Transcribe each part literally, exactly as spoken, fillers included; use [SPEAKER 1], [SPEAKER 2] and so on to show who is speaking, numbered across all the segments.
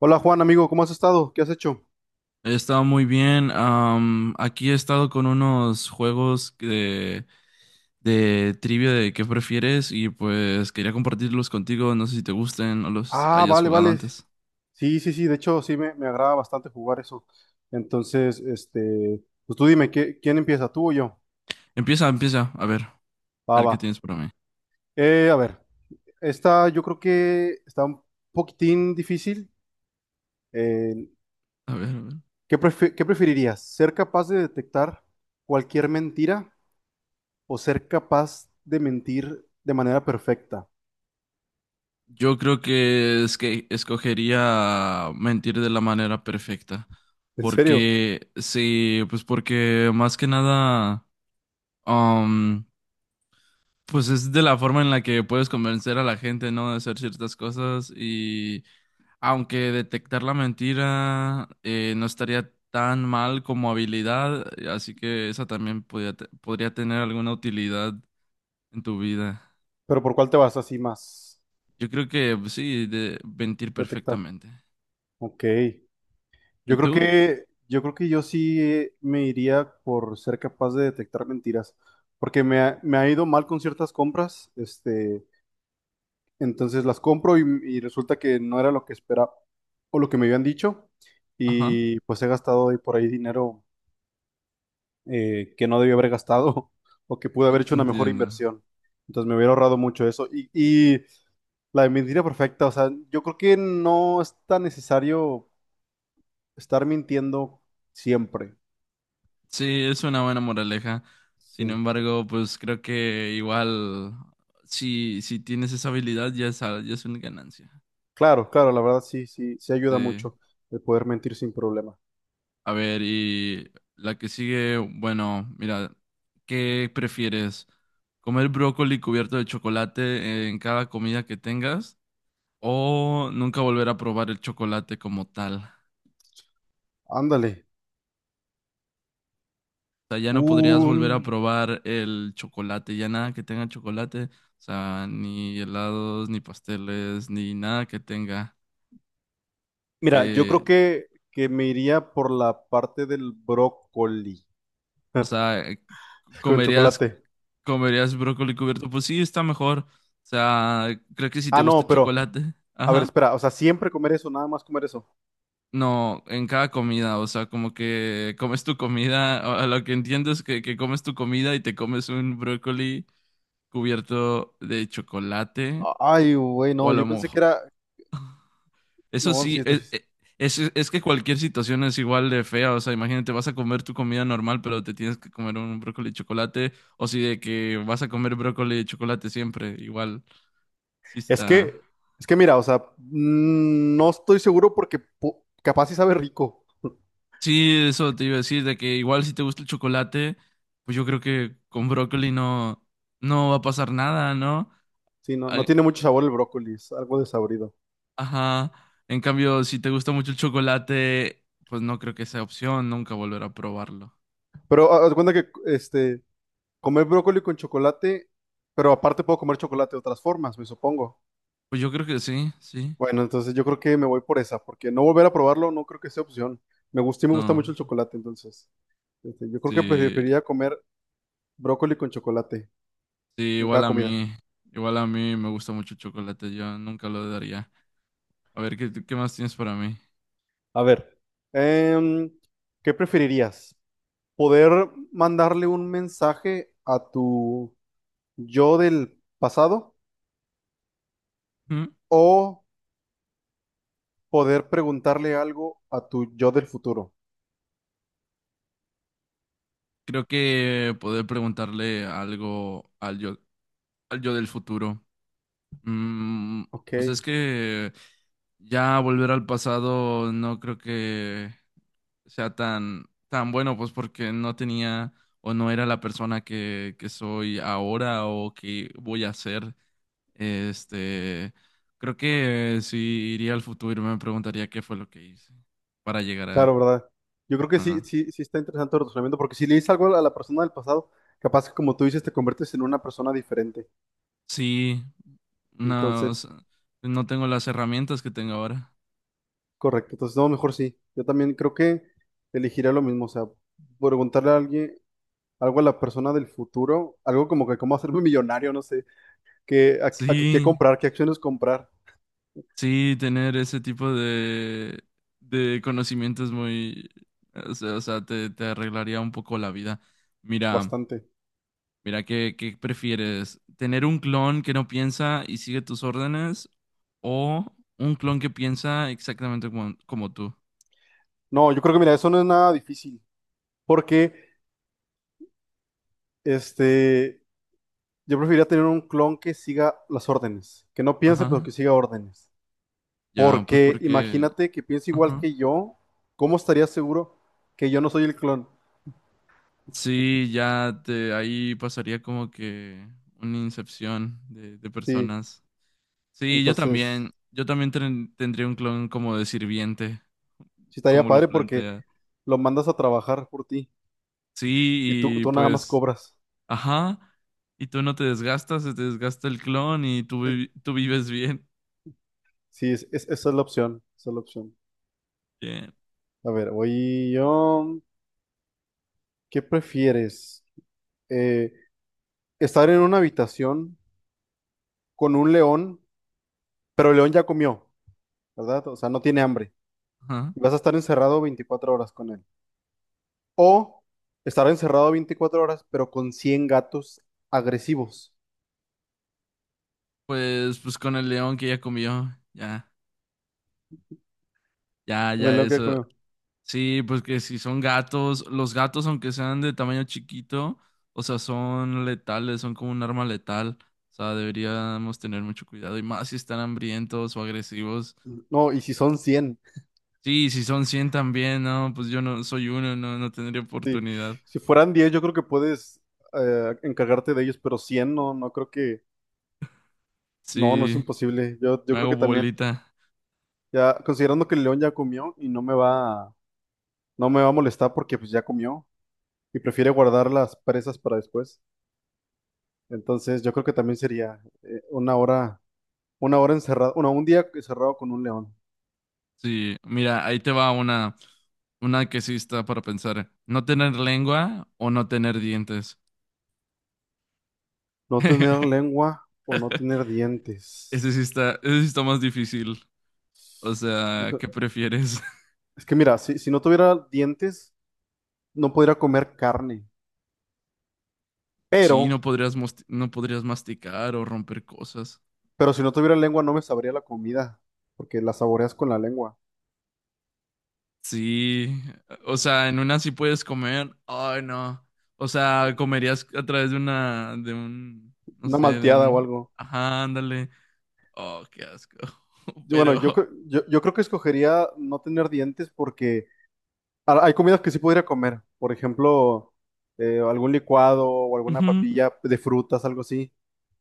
[SPEAKER 1] Hola Juan, amigo, ¿cómo has estado? ¿Qué has hecho?
[SPEAKER 2] He estado muy bien. Am, aquí he estado con unos juegos de, de trivia de qué prefieres y pues quería compartirlos contigo. No sé si te gusten o los
[SPEAKER 1] Ah,
[SPEAKER 2] hayas
[SPEAKER 1] vale,
[SPEAKER 2] jugado
[SPEAKER 1] vale.
[SPEAKER 2] antes.
[SPEAKER 1] Sí, sí, sí, de hecho sí me, me agrada bastante jugar eso. Entonces, este, pues tú dime, ¿qué- ¿quién empieza, tú o yo?
[SPEAKER 2] Empieza, empieza. A ver, a
[SPEAKER 1] Va,
[SPEAKER 2] ver
[SPEAKER 1] va.
[SPEAKER 2] qué tienes para mí.
[SPEAKER 1] Eh, a ver, esta yo creo que está un poquitín difícil. Eh,
[SPEAKER 2] A ver, a ver.
[SPEAKER 1] ¿qué prefi- qué preferirías? ¿Ser capaz de detectar cualquier mentira o ser capaz de mentir de manera perfecta?
[SPEAKER 2] Yo creo que es que escogería mentir de la manera perfecta.
[SPEAKER 1] ¿En serio?
[SPEAKER 2] Porque sí, pues porque más que nada. Pues es de la forma en la que puedes convencer a la gente, ¿no? De hacer ciertas cosas y aunque detectar la mentira eh, no estaría tan mal como habilidad, eh, así que esa también podría, te- podría tener alguna utilidad en tu vida.
[SPEAKER 1] ¿Pero por cuál te vas así más
[SPEAKER 2] Yo creo que pues, sí, de mentir
[SPEAKER 1] detectar?
[SPEAKER 2] perfectamente.
[SPEAKER 1] Ok. Yo
[SPEAKER 2] ¿Y
[SPEAKER 1] creo
[SPEAKER 2] tú?
[SPEAKER 1] que, yo creo que yo sí me iría por ser capaz de detectar mentiras, porque me ha, me ha ido mal con ciertas compras, este, entonces las compro y, y resulta que no era lo que esperaba o lo que me habían dicho,
[SPEAKER 2] Ajá,
[SPEAKER 1] y pues he gastado ahí por ahí dinero eh, que no debía haber gastado o que pude
[SPEAKER 2] e-
[SPEAKER 1] haber hecho una mejor
[SPEAKER 2] entiendo.
[SPEAKER 1] inversión. Entonces me hubiera ahorrado mucho eso. Y, y la mentira perfecta, o sea, yo creo que no es tan necesario estar mintiendo siempre.
[SPEAKER 2] Sí, es una buena moraleja. Sin
[SPEAKER 1] Sí.
[SPEAKER 2] embargo, pues creo que igual si, si tienes esa habilidad ya es, al- ya es una ganancia.
[SPEAKER 1] Claro, claro, la verdad sí, sí, sí ayuda
[SPEAKER 2] Sí.
[SPEAKER 1] mucho el poder mentir sin problema.
[SPEAKER 2] A ver, y la que sigue, bueno, mira, ¿qué prefieres? ¿Comer brócoli cubierto de chocolate en cada comida que tengas? ¿O nunca volver a probar el chocolate como tal? O
[SPEAKER 1] Ándale.
[SPEAKER 2] sea, ya no podrías
[SPEAKER 1] Un-
[SPEAKER 2] volver a probar el chocolate, ya nada que tenga chocolate, o sea, ni helados, ni pasteles, ni nada que tenga.
[SPEAKER 1] Mira, yo
[SPEAKER 2] Eh,
[SPEAKER 1] creo que, que me iría por la parte del brócoli
[SPEAKER 2] o sea,
[SPEAKER 1] con
[SPEAKER 2] ¿Comerías,
[SPEAKER 1] chocolate.
[SPEAKER 2] ¿comerías brócoli cubierto? Pues sí, está mejor. O sea, creo que si te
[SPEAKER 1] Ah,
[SPEAKER 2] gusta
[SPEAKER 1] no,
[SPEAKER 2] el
[SPEAKER 1] pero,
[SPEAKER 2] chocolate.
[SPEAKER 1] a ver,
[SPEAKER 2] Ajá.
[SPEAKER 1] espera, o sea, siempre comer eso, nada más comer eso.
[SPEAKER 2] No, en cada comida, o sea, como que comes tu comida, a a lo que entiendo es que, que comes tu comida y te comes un brócoli cubierto de chocolate
[SPEAKER 1] Ay, güey,
[SPEAKER 2] o
[SPEAKER 1] no,
[SPEAKER 2] a
[SPEAKER 1] yo
[SPEAKER 2] lo
[SPEAKER 1] pensé que
[SPEAKER 2] mejor.
[SPEAKER 1] era.
[SPEAKER 2] Eso
[SPEAKER 1] No, sí,
[SPEAKER 2] sí,
[SPEAKER 1] esto sí
[SPEAKER 2] es,
[SPEAKER 1] es.
[SPEAKER 2] es, es es que cualquier situación es igual de fea, o sea, imagínate, vas a comer tu comida normal, pero te tienes que comer un brócoli de chocolate, o si de que vas a comer brócoli de chocolate siempre, igual. Sí
[SPEAKER 1] Es
[SPEAKER 2] está.
[SPEAKER 1] que, es que mira, o sea, mm, no estoy seguro porque po- capaz sí sabe rico.
[SPEAKER 2] Sí, eso te iba a decir, de que igual si te gusta el chocolate, pues yo creo que con brócoli no, no va a pasar nada, ¿no?
[SPEAKER 1] Sí, no, no
[SPEAKER 2] Ay,
[SPEAKER 1] tiene mucho sabor el brócoli, es algo desabrido.
[SPEAKER 2] Ajá. En cambio, si te gusta mucho el chocolate, pues no creo que sea opción, nunca volver a probarlo.
[SPEAKER 1] Pero haz de cuenta que, este. Comer brócoli con chocolate, pero aparte puedo comer chocolate de otras formas, me supongo.
[SPEAKER 2] Pues yo creo que sí, sí.
[SPEAKER 1] Bueno, entonces yo creo que me voy por esa, porque no volver a probarlo no creo que sea opción. Me gusta y me gusta
[SPEAKER 2] No,
[SPEAKER 1] mucho el chocolate, entonces. Este, yo creo que
[SPEAKER 2] sí,
[SPEAKER 1] preferiría comer brócoli con chocolate
[SPEAKER 2] sí,
[SPEAKER 1] en cada
[SPEAKER 2] igual a
[SPEAKER 1] comida.
[SPEAKER 2] mí, igual a mí me gusta mucho el chocolate, yo nunca lo daría. A ver, ¿qué, qué más tienes para mí?
[SPEAKER 1] A ver, Em, ¿qué preferirías? ¿Poder mandarle un mensaje a tu yo del pasado
[SPEAKER 2] ¿Mm?
[SPEAKER 1] o poder preguntarle algo a tu yo del futuro?
[SPEAKER 2] Creo que poder preguntarle algo al yo. Al yo del futuro. Mm, pues es
[SPEAKER 1] Ok.
[SPEAKER 2] que ya volver al pasado no creo que sea tan, tan bueno, pues porque no tenía o no era la persona que, que soy ahora o que voy a ser. Este, creo que si iría al futuro me preguntaría qué fue lo que hice para llegar
[SPEAKER 1] Claro,
[SPEAKER 2] a...
[SPEAKER 1] ¿verdad? Yo creo que sí,
[SPEAKER 2] ajá.
[SPEAKER 1] sí, sí está interesante el razonamiento, porque si le dices algo a la persona del pasado, capaz que como tú dices, te conviertes en una persona diferente.
[SPEAKER 2] Sí, no, o
[SPEAKER 1] Entonces,
[SPEAKER 2] sea, no tengo las herramientas que tengo ahora.
[SPEAKER 1] correcto. Entonces, no, mejor sí. Yo también creo que elegiría lo mismo. O sea, preguntarle a alguien algo a la persona del futuro, algo como que cómo hacerme millonario, no sé, qué, a- a qué qué
[SPEAKER 2] Sí.
[SPEAKER 1] comprar, qué acciones comprar.
[SPEAKER 2] Sí, tener ese tipo de, de conocimientos muy, o sea, o sea, te, te arreglaría un poco la vida. Mira,
[SPEAKER 1] Bastante.
[SPEAKER 2] mira, ¿qué, qué prefieres? ¿Tener un clon que no piensa y sigue tus órdenes o un clon que piensa exactamente como, como tú?
[SPEAKER 1] No, yo creo que mira, eso no es nada difícil, porque este, yo preferiría tener un clon que siga las órdenes, que no piense, pero
[SPEAKER 2] Ajá,
[SPEAKER 1] que siga órdenes.
[SPEAKER 2] ya, pues
[SPEAKER 1] Porque
[SPEAKER 2] porque,
[SPEAKER 1] imagínate que piensa igual
[SPEAKER 2] ajá.
[SPEAKER 1] que yo, ¿cómo estaría seguro que yo no soy el clon?
[SPEAKER 2] Sí, ya te, ahí pasaría como que una incepción de, de
[SPEAKER 1] Sí,
[SPEAKER 2] personas. Sí, yo
[SPEAKER 1] entonces,
[SPEAKER 2] también. Yo también ten- tendría un clon como de sirviente,
[SPEAKER 1] sí estaría
[SPEAKER 2] como lo
[SPEAKER 1] padre porque
[SPEAKER 2] plantea.
[SPEAKER 1] lo mandas a trabajar por ti y tú,
[SPEAKER 2] Sí, y
[SPEAKER 1] tú nada más
[SPEAKER 2] pues,
[SPEAKER 1] cobras.
[SPEAKER 2] ajá. Y tú no te desgastas, se te desgasta el clon y tú,
[SPEAKER 1] Sí,
[SPEAKER 2] vi- tú vives bien.
[SPEAKER 1] sí, es- es- esa es la opción, esa es la opción.
[SPEAKER 2] Bien.
[SPEAKER 1] A ver, voy yo. ¿Qué prefieres? Eh, estar en una habitación con un león, pero el león ya comió, ¿verdad? O sea, no tiene hambre.
[SPEAKER 2] Ajá.
[SPEAKER 1] Y vas a estar encerrado veinticuatro horas con él. O estar encerrado veinticuatro horas, pero con cien gatos agresivos.
[SPEAKER 2] Pues, pues con el león que ya comió. Ya, ya,
[SPEAKER 1] Con el
[SPEAKER 2] ya,
[SPEAKER 1] león que
[SPEAKER 2] eso.
[SPEAKER 1] comió.
[SPEAKER 2] Sí, pues que si son gatos, los gatos, aunque sean de tamaño chiquito, o sea, son letales, son como un arma letal. O sea, deberíamos tener mucho cuidado y más si están hambrientos o agresivos.
[SPEAKER 1] No, y si son cien.
[SPEAKER 2] Sí, si son cien también, no, pues yo no soy uno, no, no tendría
[SPEAKER 1] Sí.
[SPEAKER 2] oportunidad.
[SPEAKER 1] Si fueran diez, yo creo que puedes eh, encargarte de ellos, pero cien, no, no creo que. No, no es
[SPEAKER 2] Sí,
[SPEAKER 1] imposible. Yo, yo
[SPEAKER 2] me
[SPEAKER 1] creo
[SPEAKER 2] hago
[SPEAKER 1] que también.
[SPEAKER 2] bolita.
[SPEAKER 1] Ya, considerando que el león ya comió y no me va, a- no me va a molestar porque pues ya comió y prefiere guardar las presas para después. Entonces, yo creo que también sería eh, una hora, una hora encerrado, bueno, un día encerrado con un león.
[SPEAKER 2] Sí, mira, ahí te va una, una que sí está para pensar. No tener lengua o no tener dientes.
[SPEAKER 1] No tener lengua o no tener
[SPEAKER 2] Ese sí
[SPEAKER 1] dientes.
[SPEAKER 2] está, ese sí está más difícil. O sea,
[SPEAKER 1] Hijo,
[SPEAKER 2] ¿qué prefieres?
[SPEAKER 1] es que mira, si, si no tuviera dientes, no podría comer carne.
[SPEAKER 2] Sí,
[SPEAKER 1] Pero,
[SPEAKER 2] no podrías, mos- no podrías masticar o romper cosas.
[SPEAKER 1] pero si no tuviera lengua, no me sabría la comida, porque la saboreas con la lengua.
[SPEAKER 2] Sí, o sea, en una sí puedes comer. Ay, no. O sea, comerías a través de una, de un, no
[SPEAKER 1] Una
[SPEAKER 2] sé, de
[SPEAKER 1] malteada o
[SPEAKER 2] un,
[SPEAKER 1] algo.
[SPEAKER 2] ajá, ándale. Oh, qué asco.
[SPEAKER 1] Yo, bueno,
[SPEAKER 2] Pero,
[SPEAKER 1] yo, cre- yo, yo creo que escogería no tener dientes porque ha- hay comidas que sí podría comer. Por ejemplo, eh, algún licuado o alguna
[SPEAKER 2] ujú.
[SPEAKER 1] papilla de frutas, algo así.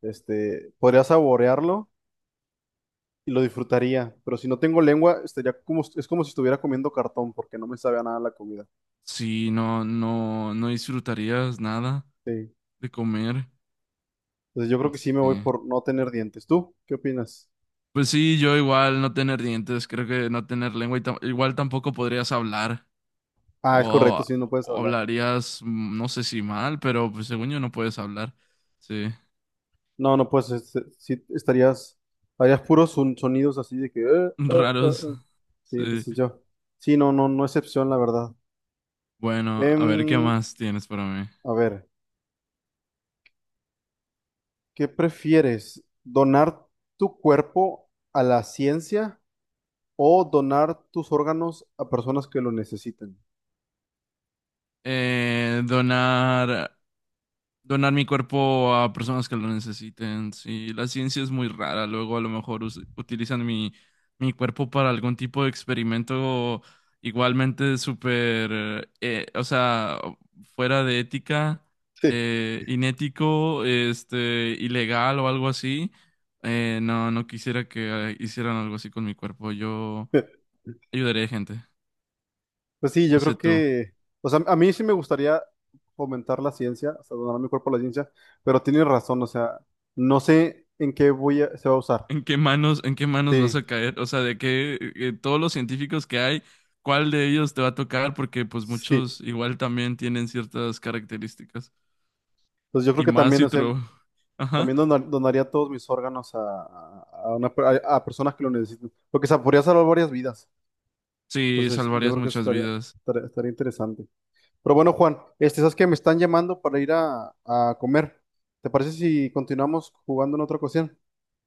[SPEAKER 1] Este, podría saborearlo y lo disfrutaría, pero si no tengo lengua, estaría como, es como si estuviera comiendo cartón, porque no me sabe a nada la comida.
[SPEAKER 2] Sí, no, no, no disfrutarías nada
[SPEAKER 1] Sí.
[SPEAKER 2] de comer.
[SPEAKER 1] Entonces yo creo que sí me voy
[SPEAKER 2] Sí.
[SPEAKER 1] por no tener dientes. ¿Tú qué opinas?
[SPEAKER 2] Pues sí, yo igual no tener dientes, creo que no tener lengua y tam- igual tampoco podrías hablar
[SPEAKER 1] Ah, es correcto,
[SPEAKER 2] o,
[SPEAKER 1] sí, no puedes
[SPEAKER 2] o
[SPEAKER 1] hablar.
[SPEAKER 2] hablarías, mm, no sé si mal, pero pues según yo no puedes hablar. Sí.
[SPEAKER 1] No, no puedes, este, sí, estarías, harías puros son- sonidos así de que: eh, eh, eh,
[SPEAKER 2] Raros.
[SPEAKER 1] eh. Sí,
[SPEAKER 2] Sí.
[SPEAKER 1] entonces yo. Sí, no, no, no excepción, la verdad.
[SPEAKER 2] Bueno,
[SPEAKER 1] Em,
[SPEAKER 2] a ver, ¿qué más tienes para mí?
[SPEAKER 1] a ver, ¿qué prefieres? ¿Donar tu cuerpo a la ciencia o donar tus órganos a personas que lo necesiten?
[SPEAKER 2] Eh, donar, donar mi cuerpo a personas que lo necesiten. Sí, la ciencia es muy rara. Luego a lo mejor us- utilizan mi, mi cuerpo para algún tipo de experimento igualmente súper, eh, o sea, fuera de ética,
[SPEAKER 1] Sí.
[SPEAKER 2] eh, inético, este, ilegal o algo así. Eh, no, no quisiera que eh, hicieran algo así con mi cuerpo. Yo... ayudaré gente.
[SPEAKER 1] Pues sí, yo
[SPEAKER 2] No sé
[SPEAKER 1] creo
[SPEAKER 2] tú.
[SPEAKER 1] que, o sea, a mí sí me gustaría fomentar la ciencia, o sea, donar mi cuerpo a la ciencia, pero tienes razón, o sea, no sé en qué voy a, se va a usar.
[SPEAKER 2] ¿En qué manos, en qué manos vas
[SPEAKER 1] Sí,
[SPEAKER 2] a caer? O sea, de qué eh, todos los científicos que hay, ¿cuál de ellos te va a tocar? Porque pues
[SPEAKER 1] sí.
[SPEAKER 2] muchos igual también tienen ciertas características.
[SPEAKER 1] Pues yo creo
[SPEAKER 2] Y
[SPEAKER 1] que
[SPEAKER 2] más
[SPEAKER 1] también,
[SPEAKER 2] si
[SPEAKER 1] o sea,
[SPEAKER 2] tro- Ajá.
[SPEAKER 1] también donar- donaría todos mis órganos a, a, una per- a- a personas que lo necesiten, porque se podría salvar varias vidas.
[SPEAKER 2] Sí,
[SPEAKER 1] Entonces, yo
[SPEAKER 2] salvarías
[SPEAKER 1] creo que eso
[SPEAKER 2] muchas
[SPEAKER 1] estaría,
[SPEAKER 2] vidas.
[SPEAKER 1] estaría, estaría interesante. Pero bueno, Juan, este, sabes que me están llamando para ir a, a, comer. ¿Te parece si continuamos jugando en otra ocasión?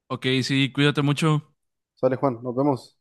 [SPEAKER 2] Ok, sí, cuídate mucho.
[SPEAKER 1] Sale Juan, nos vemos.